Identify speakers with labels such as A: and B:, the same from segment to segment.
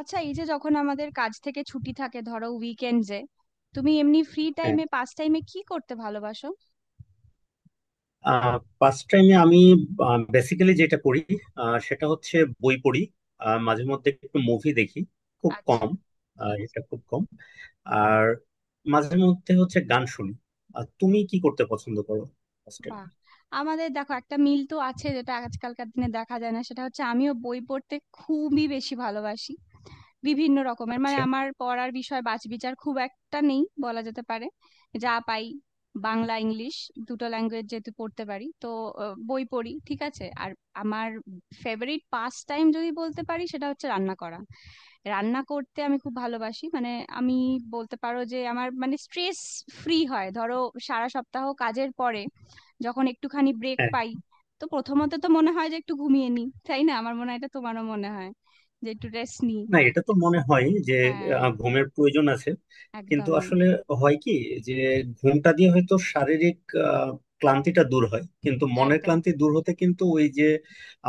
A: আচ্ছা, এই যে যখন আমাদের কাজ থেকে ছুটি থাকে, ধরো উইকেন্ডসে তুমি এমনি ফ্রি টাইমে, পাস টাইমে কি করতে ভালোবাসো?
B: হ্যাঁ, পাস টাইমে আমি বেসিক্যালি যেটা করি, সেটা হচ্ছে বই পড়ি। মাঝে মধ্যে একটু মুভি দেখি, খুব
A: আচ্ছা।
B: কম। এটা খুব কম। আর মাঝে মধ্যে হচ্ছে গান শুনি। আর তুমি কি করতে পছন্দ করো, ফার্স্ট টাইম?
A: বাহ! আমাদের দেখো একটা মিল তো আছে, যেটা আজকালকার দিনে দেখা যায় না, সেটা হচ্ছে আমিও বই পড়তে খুবই বেশি ভালোবাসি। বিভিন্ন রকমের, মানে
B: আচ্ছা।
A: আমার পড়ার বিষয় বাছ বিচার খুব একটা নেই বলা যেতে পারে। যা পাই, বাংলা, ইংলিশ দুটো ল্যাঙ্গুয়েজ যেহেতু পড়তে পারি, তো বই পড়ি। ঠিক আছে, আর আমার ফেভারিট পাস টাইম যদি বলতে পারি, সেটা হচ্ছে রান্না করা। রান্না করতে আমি খুব ভালোবাসি, মানে আমি বলতে পারো যে আমার মানে স্ট্রেস ফ্রি হয় ধরো সারা সপ্তাহ কাজের পরে যখন একটুখানি ব্রেক
B: হ্যাঁ।
A: পাই। তো প্রথমত তো মনে হয় যে একটু ঘুমিয়ে নিই, তাই না? আমার মনে হয় এটা তোমারও মনে হয় যে একটু রেস্ট নিই।
B: না, এটা তো মনে হয় যে
A: হ্যাঁ,
B: ঘুমের প্রয়োজন আছে, কিন্তু
A: একদমই।
B: আসলে হয় কি, যে ঘুমটা দিয়ে হয়তো শারীরিক আহ, ক্লান্তিটা দূর হয়, কিন্তু মনের
A: একদম।
B: ক্লান্তি দূর হতে কিন্তু ওই যে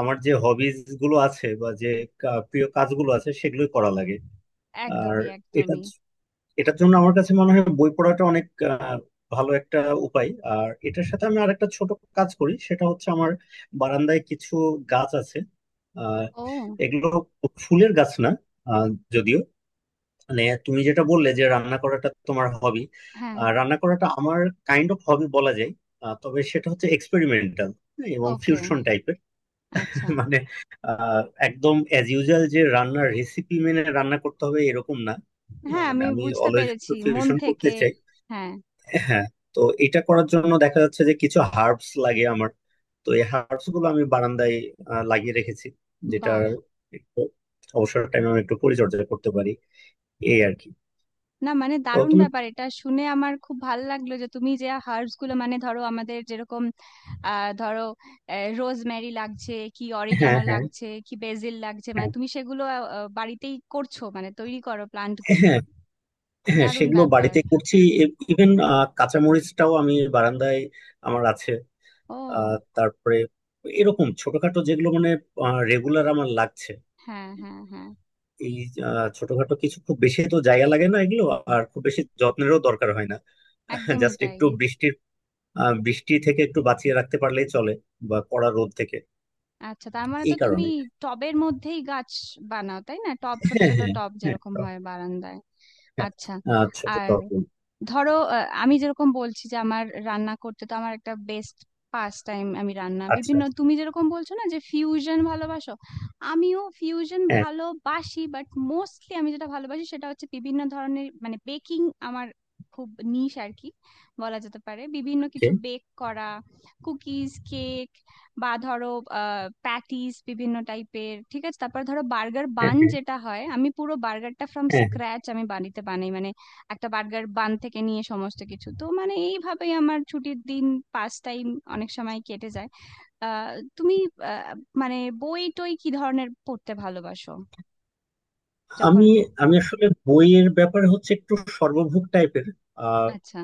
B: আমার যে হবিজ গুলো আছে বা যে প্রিয় কাজগুলো আছে সেগুলোই করা লাগে। আর
A: একদমই।
B: এটা,
A: একদমই।
B: এটার জন্য আমার কাছে মনে হয় বই পড়াটা অনেক আহ, ভালো একটা উপায়। আর এটার সাথে আমি আরেকটা ছোট কাজ করি, সেটা হচ্ছে আমার বারান্দায় কিছু গাছ আছে। আহ,
A: ও।
B: এগুলো ফুলের গাছ না। আহ, যদিও মানে তুমি যেটা বললে যে রান্না করাটা তোমার হবি,
A: হ্যাঁ।
B: রান্না করাটা আমার কাইন্ড অফ হবি বলা যায়। তবে সেটা হচ্ছে এক্সপেরিমেন্টাল এবং
A: ওকে।
B: ফিউশন টাইপের।
A: আচ্ছা।
B: মানে আহ, একদম অ্যাজ ইউজুয়াল যে রান্নার রেসিপি মেনে রান্না করতে হবে, এরকম না।
A: হ্যাঁ,
B: মানে
A: আমি
B: আমি
A: বুঝতে
B: অলওয়েজ একটু
A: পেরেছি, মন
B: ফিউশন করতে
A: থেকে।
B: চাই।
A: হ্যাঁ।
B: হ্যাঁ। তো এটা করার জন্য দেখা যাচ্ছে যে কিছু হার্বস লাগে আমার। তো এই হার্বস গুলো আমি বারান্দায় লাগিয়ে রেখেছি, যেটার
A: বাহ।
B: একটু অবসর টাইমে আমি একটু পরিচর্যা করতে পারি, এই আর কি।
A: না মানে
B: তো
A: দারুণ
B: তুমি।
A: ব্যাপার, এটা শুনে আমার খুব ভালো লাগলো যে তুমি যে হার্বস গুলো, মানে ধরো আমাদের যেরকম ধরো রোজমেরি লাগছে, কি
B: হ্যাঁ,
A: অরিগ্যানো
B: হ্যাঁ,
A: লাগছে, কি বেসিল লাগছে, মানে
B: হ্যাঁ।
A: তুমি সেগুলো বাড়িতেই করছো, মানে তৈরি করো প্লান্ট গুলো?
B: হ্যাঁ, হ্যাঁ,
A: দারুণ
B: সেগুলো
A: ব্যাপার।
B: বাড়িতে করছি। ইভেন কাঁচামরিচটাও আমি বারান্দায় আমার আছে। আহ,
A: ও।
B: তারপরে এরকম ছোটখাটো যেগুলো মানে রেগুলার আমার লাগছে।
A: হ্যাঁ, হ্যাঁ, হ্যাঁ।
B: এই ছোটখাটো কিছু, খুব বেশি তো জায়গা লাগে না এগুলো। আর খুব বেশি যত্নেরও দরকার হয় না।
A: একদমই
B: জাস্ট
A: তাই।
B: একটু বৃষ্টির বৃষ্টি থেকে একটু বাঁচিয়ে রাখতে পারলেই চলে, বা কড়া রোদ থেকে।
A: আচ্ছা, তার মানে তো
B: এই
A: তুমি
B: কারণে।
A: টবের মধ্যেই গাছ বানাও, তাই না? টব, ছোট
B: হ্যাঁ,
A: ছোট
B: হ্যাঁ,
A: টব
B: হ্যাঁ,
A: যেরকম
B: টক,
A: হয় বারান্দায়।
B: হ্যাঁ।
A: আচ্ছা।
B: আচ্ছা, তো
A: আর
B: টক।
A: ধরো আমি যেরকম বলছি যে আমার রান্না করতে, তো আমার একটা বেস্ট পাস টাইম, আমি রান্না
B: আচ্ছা।
A: বিভিন্ন তুমি যেরকম বলছো না যে ফিউশন ভালোবাসো, আমিও ফিউশন
B: হ্যাঁ।
A: ভালোবাসি, বাট মোস্টলি আমি যেটা ভালোবাসি সেটা হচ্ছে বিভিন্ন ধরনের, মানে বেকিং। আমার খুব নিশ আর কি বলা যেতে পারে, বিভিন্ন কিছু
B: Okay.
A: বেক করা। কুকিজ, কেক বা ধরো প্যাটিস, বিভিন্ন টাইপের। ঠিক আছে, তারপর ধরো বার্গার
B: হ্যাঁ,
A: বান
B: হ্যাঁ,
A: যেটা হয়, আমি পুরো বার্গারটা ফ্রম
B: হ্যাঁ, হ্যাঁ।
A: স্ক্র্যাচ আমি বাড়িতে বানাই, মানে একটা বার্গার বান থেকে নিয়ে সমস্ত কিছু। তো মানে এইভাবেই আমার ছুটির দিন, পাস টাইম অনেক সময় কেটে যায়। আহ তুমি আহ, মানে বই টই কি ধরনের পড়তে ভালোবাসো যখন?
B: আমি আমি আসলে বইয়ের ব্যাপারে হচ্ছে একটু সর্বভুক টাইপের। আহ,
A: আচ্ছা।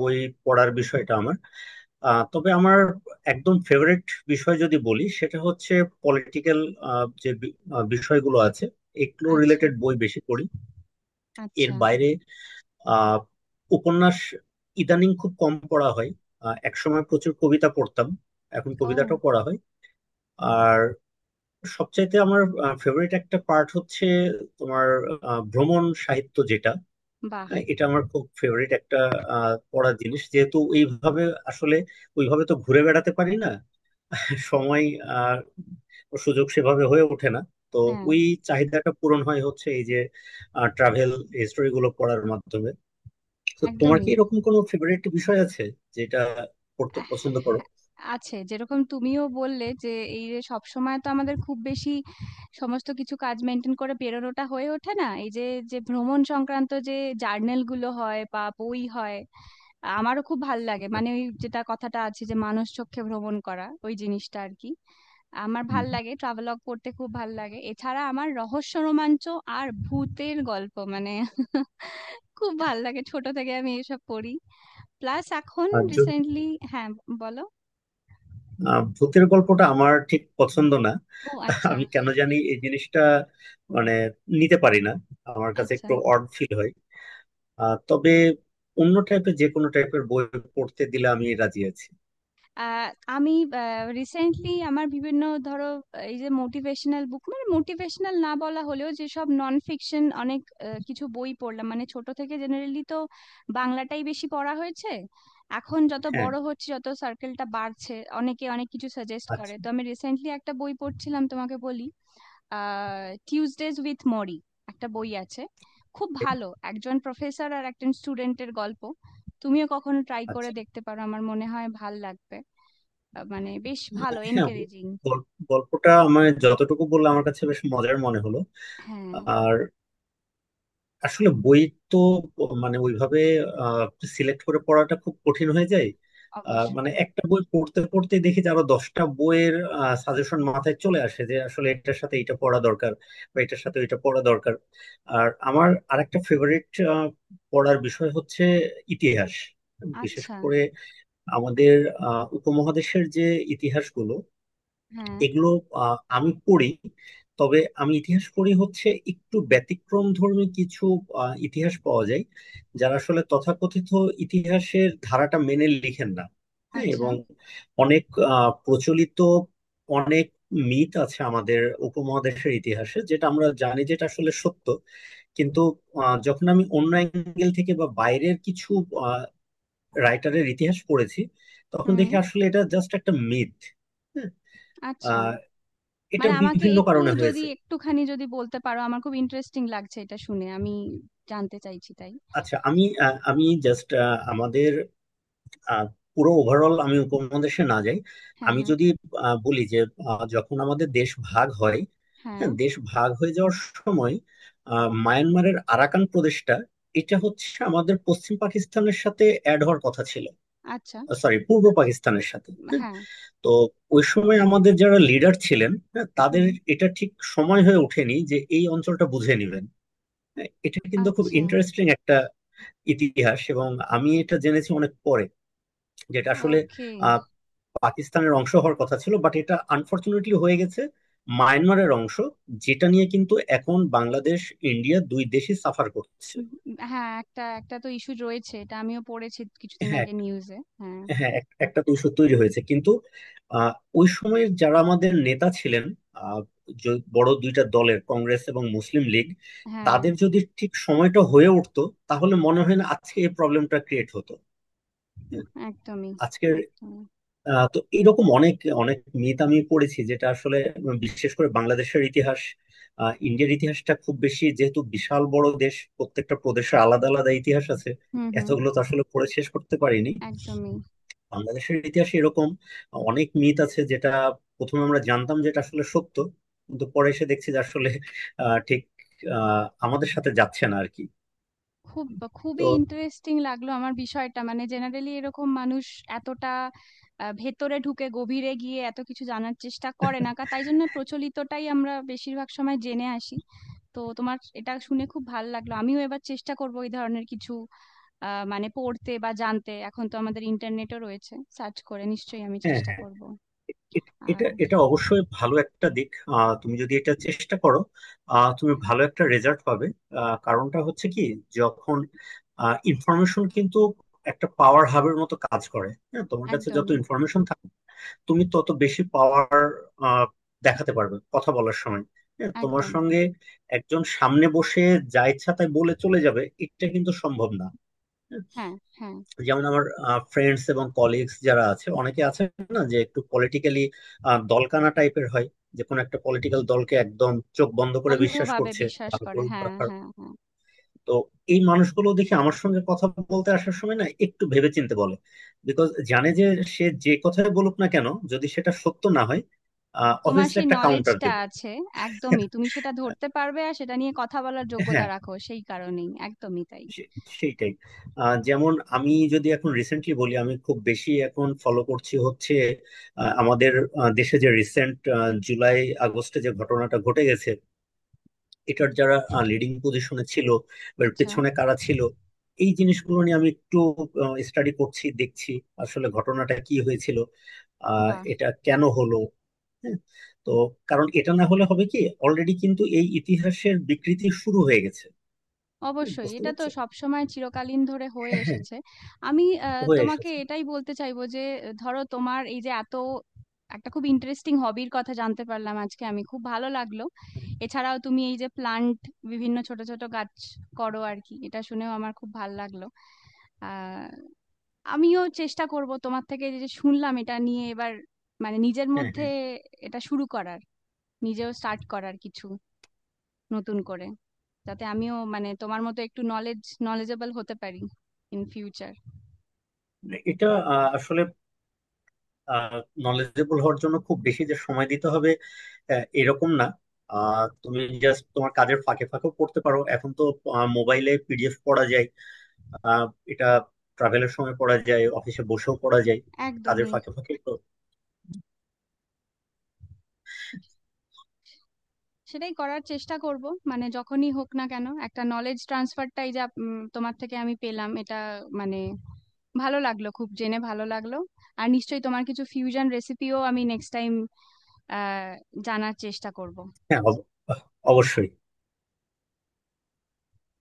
B: বই পড়ার বিষয়টা আমার, আহ, তবে আমার একদম ফেভারিট বিষয় যদি বলি সেটা হচ্ছে পলিটিক্যাল যে বিষয়গুলো আছে, এগুলো
A: আচ্ছা।
B: রিলেটেড বই বেশি পড়ি। এর
A: আচ্ছা।
B: বাইরে আহ, উপন্যাস ইদানিং খুব কম পড়া হয়। একসময় প্রচুর কবিতা পড়তাম, এখন কবিতাটাও
A: ও।
B: পড়া হয়। আর সবচাইতে আমার ফেভারিট একটা পার্ট হচ্ছে তোমার, ভ্রমণ সাহিত্য যেটা,
A: বাহ।
B: এটা আমার খুব ফেভারিট একটা পড়ার জিনিস, যেহেতু এইভাবে আসলে ওইভাবে তো ঘুরে বেড়াতে পারি না, সময় আর সুযোগ সেভাবে হয়ে ওঠে না। তো
A: হ্যাঁ।
B: ওই চাহিদাটা পূরণ হয় হচ্ছে এই যে ট্রাভেল হিস্টোরি গুলো পড়ার মাধ্যমে। তো তোমার কি
A: একদমই।
B: এরকম কোনো ফেভারিট বিষয় আছে যেটা পড়তে
A: আহ,
B: পছন্দ করো?
A: আছে, যেরকম তুমিও বললে যে এই যে সব সময় তো আমাদের খুব বেশি সমস্ত কিছু কাজ মেনটেন করে বেরোনোটা হয়ে ওঠে না, এই যে, যে ভ্রমণ সংক্রান্ত যে জার্নাল গুলো হয় বা বই হয় আমারও খুব ভাল লাগে। মানে ওই যেটা কথাটা আছে যে মানুষ চক্ষে ভ্রমণ করা, ওই জিনিসটা আর কি। আমার
B: হুম।
A: ভাল লাগে ট্রাভেলগ পড়তে, খুব ভাল লাগে। এছাড়া আমার রহস্য রোমাঞ্চ আর ভূতের গল্প, মানে খুব ভাল লাগে, ছোট থেকে আমি এসব পড়ি। প্লাস এখন
B: আর যদি
A: রিসেন্টলি। হ্যাঁ, বলো।
B: ভূতের গল্পটা আমার ঠিক পছন্দ না।
A: ও, আচ্ছা।
B: আমি কেন জানি এই জিনিসটা মানে নিতে পারি না, আমার কাছে
A: আচ্ছা।
B: একটু অড ফিল হয়। তবে অন্য টাইপের যে কোনো টাইপের বই পড়তে দিলে আমি রাজি আছি।
A: আহ, আমি রিসেন্টলি আমার বিভিন্ন ধরো এই যে মোটিভেশনাল বুক, মানে মোটিভেশনাল না বলা হলেও যেসব নন ফিকশন অনেক কিছু বই পড়লাম। মানে ছোট থেকে জেনারেলি তো বাংলাটাই বেশি পড়া হয়েছে, এখন যত
B: হ্যাঁ।
A: বড় হচ্ছে, যত সার্কেলটা বাড়ছে, অনেকে অনেক কিছু সাজেস্ট করে।
B: আচ্ছা।
A: তো আমি রিসেন্টলি একটা বই পড়ছিলাম, তোমাকে বলি, টিউজডেজ উইথ মরি, একটা বই আছে, খুব ভালো, একজন প্রফেসর আর একজন স্টুডেন্টের গল্প। তুমিও কখনো ট্রাই করে
B: আচ্ছা।
A: দেখতে পারো, আমার মনে হয় ভাল লাগবে। মানে বেশ ভালো,
B: হ্যাঁ।
A: এনকারেজিং।
B: গল্পটা আমার যতটুকু বললাম আমার কাছে বেশ মজার মনে হলো।
A: হ্যাঁ,
B: আর আসলে বই তো মানে ওইভাবে সিলেক্ট করে পড়াটা খুব কঠিন হয়ে যায়। মানে
A: অবশ্যই।
B: একটা বই পড়তে পড়তে দেখি যে আরো 10টা বইয়ের সাজেশন মাথায় চলে আসে, যে আসলে এটার সাথে এটা পড়া দরকার বা এটার সাথে এটা পড়া দরকার। আর আমার আরেকটা ফেভারিট পড়ার বিষয় হচ্ছে ইতিহাস, বিশেষ
A: আচ্ছা।
B: করে আমাদের উপমহাদেশের যে ইতিহাসগুলো,
A: হ্যাঁ।
B: এগুলো আমি পড়ি। তবে আমি ইতিহাস পড়ি হচ্ছে একটু ব্যতিক্রম ধর্মী কিছু ইতিহাস পাওয়া যায় যারা আসলে তথাকথিত ইতিহাসের ধারাটা মেনে লিখেন না। হ্যাঁ,
A: আচ্ছা।
B: এবং অনেক প্রচলিত অনেক মিথ আছে আমাদের উপমহাদেশের ইতিহাসে, যেটা আমরা জানি যেটা আসলে সত্য, কিন্তু যখন আমি অন্য অ্যাঙ্গেল থেকে বা বাইরের কিছু রাইটারের ইতিহাস পড়েছি, তখন
A: হুম।
B: দেখি আসলে এটা জাস্ট একটা মিথ।
A: আচ্ছা।
B: এটা
A: মানে আমাকে
B: বিভিন্ন
A: একটু
B: কারণে
A: যদি,
B: হয়েছে।
A: একটুখানি যদি বলতে পারো, আমার খুব ইন্টারেস্টিং লাগছে এটা শুনে, আমি জানতে চাইছি, তাই।
B: আচ্ছা আমি, আমি জাস্ট আমাদের আহ, পুরো ওভারঅল আমি উপমহাদেশে না যাই।
A: হ্যাঁ,
B: আমি
A: হ্যাঁ,
B: যদি বলি যে যখন আমাদের দেশ ভাগ হয়,
A: হ্যাঁ।
B: হ্যাঁ দেশ ভাগ হয়ে যাওয়ার সময় মায়ানমারের আরাকান প্রদেশটা, এটা হচ্ছে আমাদের পশ্চিম পাকিস্তানের সাথে অ্যাড হওয়ার কথা ছিল,
A: আচ্ছা।
B: সরি পূর্ব পাকিস্তানের সাথে। হ্যাঁ।
A: হ্যাঁ।
B: তো ওই সময় আমাদের যারা লিডার ছিলেন, হ্যাঁ তাদের
A: হুম।
B: এটা ঠিক সময় হয়ে ওঠেনি যে এই অঞ্চলটা বুঝে নেবেন। হ্যাঁ, এটা কিন্তু খুব
A: আচ্ছা।
B: ইন্টারেস্টিং ইতিহাস, এবং আমি এটা জেনেছি অনেক পরে। যেটা আসলে
A: ওকে।
B: আহ, পাকিস্তানের অংশ হওয়ার কথা ছিল, বাট এটা আনফরচুনেটলি হয়ে গেছে মায়ানমারের অংশ, যেটা নিয়ে কিন্তু এখন বাংলাদেশ ইন্ডিয়া দুই দেশই সাফার করছে।
A: হ্যাঁ, একটা একটা তো ইস্যু রয়েছে, এটা আমিও পড়েছি কিছুদিন
B: হ্যাঁ
A: আগে
B: এক-
A: নিউজে। হ্যাঁ,
B: একটা দূষণ তৈরি হয়েছে, কিন্তু আহ, ওই সময়ের যারা আমাদের নেতা ছিলেন, আহ, বড় দুইটা দলের কংগ্রেস এবং মুসলিম লীগ,
A: হ্যাঁ।
B: তাদের যদি ঠিক সময়টা হয়ে উঠতো, তাহলে মনে হয় না আজকে এই প্রবলেমটা ক্রিয়েট হতো। হ্যাঁ,
A: একদমই।
B: আজকের
A: একদমই।
B: তো এরকম অনেক অনেক মিথ আমি পড়েছি, যেটা আসলে বিশেষ করে বাংলাদেশের ইতিহাস, ইন্ডিয়ার ইতিহাসটা খুব বেশি, যেহেতু বিশাল বড় দেশ প্রত্যেকটা প্রদেশের আলাদা আলাদা ইতিহাস আছে,
A: হুম, হুম।
B: এতগুলো তো আসলে পড়ে শেষ করতে পারিনি।
A: একদমই।
B: বাংলাদেশের ইতিহাসে এরকম অনেক মিথ আছে যেটা প্রথমে আমরা জানতাম যেটা আসলে সত্য, কিন্তু পরে এসে দেখছি যে আসলে আহ, ঠিক আহ, আমাদের সাথে যাচ্ছে না আর কি।
A: খুব খুবই
B: তো
A: ইন্টারেস্টিং লাগলো আমার বিষয়টা। মানে জেনারেলি এরকম মানুষ এতটা ভেতরে ঢুকে, গভীরে গিয়ে এত কিছু জানার চেষ্টা করে না, তাই জন্য প্রচলিতটাই আমরা বেশিরভাগ সময় জেনে আসি। তো তোমার এটা শুনে খুব ভালো লাগলো, আমিও এবার চেষ্টা করবো এই ধরনের কিছু মানে পড়তে বা জানতে। এখন তো আমাদের ইন্টারনেটও রয়েছে, সার্চ করে নিশ্চয়ই আমি
B: হ্যাঁ,
A: চেষ্টা
B: হ্যাঁ।
A: করব।
B: এ-
A: আর
B: এটা এটা অবশ্যই ভালো একটা দিক। তুমি যদি এটা চেষ্টা করো, তুমি ভালো একটা রেজাল্ট পাবে। কারণটা হচ্ছে কি, যখন ইনফরমেশন কিন্তু একটা পাওয়ার হাবের মতো কাজ করে। হ্যাঁ, তোমার কাছে যত
A: একদমই।
B: ইনফরমেশন থাকবে, তুমি তত বেশি পাওয়ার দেখাতে পারবে কথা বলার সময়। হ্যাঁ, তোমার
A: একদম।
B: সঙ্গে একজন সামনে বসে যা ইচ্ছা তাই বলে চলে যাবে, এটা কিন্তু সম্ভব না। হ্যাঁ?
A: হ্যাঁ, হ্যাঁ।
B: যেমন আমার ফ্রেন্ডস এবং কলিগস যারা আছে, অনেকে আছে না, যে একটু পলিটিক্যালি দলকানা টাইপের হয়, যে কোনো একটা পলিটিক্যাল দলকে একদম চোখ বন্ধ করে বিশ্বাস
A: অন্ধভাবে
B: করছে,
A: বিশ্বাস
B: ভালো
A: করে,
B: করুক বা
A: হ্যাঁ,
B: খারাপ।
A: হ্যাঁ, হ্যাঁ।
B: তো এই মানুষগুলো দেখি আমার সঙ্গে কথা বলতে আসার সময় না একটু ভেবেচিন্তে বলে, বিকজ জানে যে সে যে কথাই বলুক না কেন, যদি সেটা সত্য না হয়,
A: তোমার
B: অবভিয়াসলি
A: সেই
B: একটা কাউন্টার
A: নলেজটা
B: দেবে।
A: আছে। একদমই, তুমি সেটা ধরতে পারবে আর সেটা নিয়ে কথা বলার যোগ্যতা
B: হ্যাঁ।
A: রাখো, সেই কারণেই। একদমই তাই।
B: সে- সেইটাই। যেমন আমি যদি এখন রিসেন্টলি বলি, আমি খুব বেশি এখন ফলো করছি হচ্ছে আমাদের দেশে যে রিসেন্ট জুলাই আগস্টে যে ঘটনাটা ঘটে গেছে, এটার যারা লিডিং পজিশনে ছিল বা এর
A: আচ্ছা।
B: পেছনে কারা ছিল, এই জিনিসগুলো নিয়ে আমি একটু স্টাডি করছি, দেখছি আসলে ঘটনাটা কি হয়েছিল, আহ,
A: বাহ।
B: এটা কেন হলো। হ্যাঁ। তো কারণ এটা না হলে হবে কি, অলরেডি কিন্তু এই ইতিহাসের বিকৃতি শুরু হয়ে গেছে। হুম,
A: অবশ্যই,
B: বুঝতে
A: এটা তো
B: পারছো।
A: সবসময় চিরকালীন ধরে হয়ে
B: হ্যাঁ,
A: এসেছে। আমি
B: হয়ে
A: তোমাকে
B: এসেছে। হ্যাঁ।
A: এটাই বলতে চাইবো যে ধরো তোমার এই যে এত একটা খুব ইন্টারেস্টিং হবির কথা জানতে পারলাম আজকে, আমি খুব ভালো লাগলো। এছাড়াও তুমি এই যে প্লান্ট, বিভিন্ন ছোট ছোট গাছ করো আর কি, এটা শুনেও আমার খুব ভালো লাগলো। আহ, আমিও চেষ্টা করব তোমার থেকে যে যে শুনলাম এটা নিয়ে এবার, মানে নিজের
B: হ্যাঁ,
A: মধ্যে
B: হ্যাঁ।
A: এটা শুরু করার, নিজেও স্টার্ট করার কিছু নতুন করে, যাতে আমিও মানে তোমার মতো একটু নলেজেবল হতে পারি ইন ফিউচার।
B: মানে এটা আসলে নলেজেবল হওয়ার জন্য খুব বেশি যে সময় দিতে হবে, এরকম না। তুমি জাস্ট তোমার কাজের ফাঁকে ফাঁকেও পড়তে পারো, এখন তো মোবাইলে PDF পড়া যায়। আহ, এটা ট্রাভেলের সময় পড়া যায়, অফিসে বসেও পড়া যায়, কাজের
A: একদমই।
B: ফাঁকে ফাঁকে তো।
A: সেটাই করার চেষ্টা করব। মানে যখনই হোক না কেন, একটা নলেজ ট্রান্সফারটাই যা তোমার থেকে আমি পেলাম এটা, মানে ভালো লাগলো, খুব জেনে ভালো লাগলো। আর নিশ্চয়ই তোমার কিছু ফিউশন রেসিপিও আমি নেক্সট টাইম জানার চেষ্টা করব।
B: হ্যাঁ। অবশ্যই।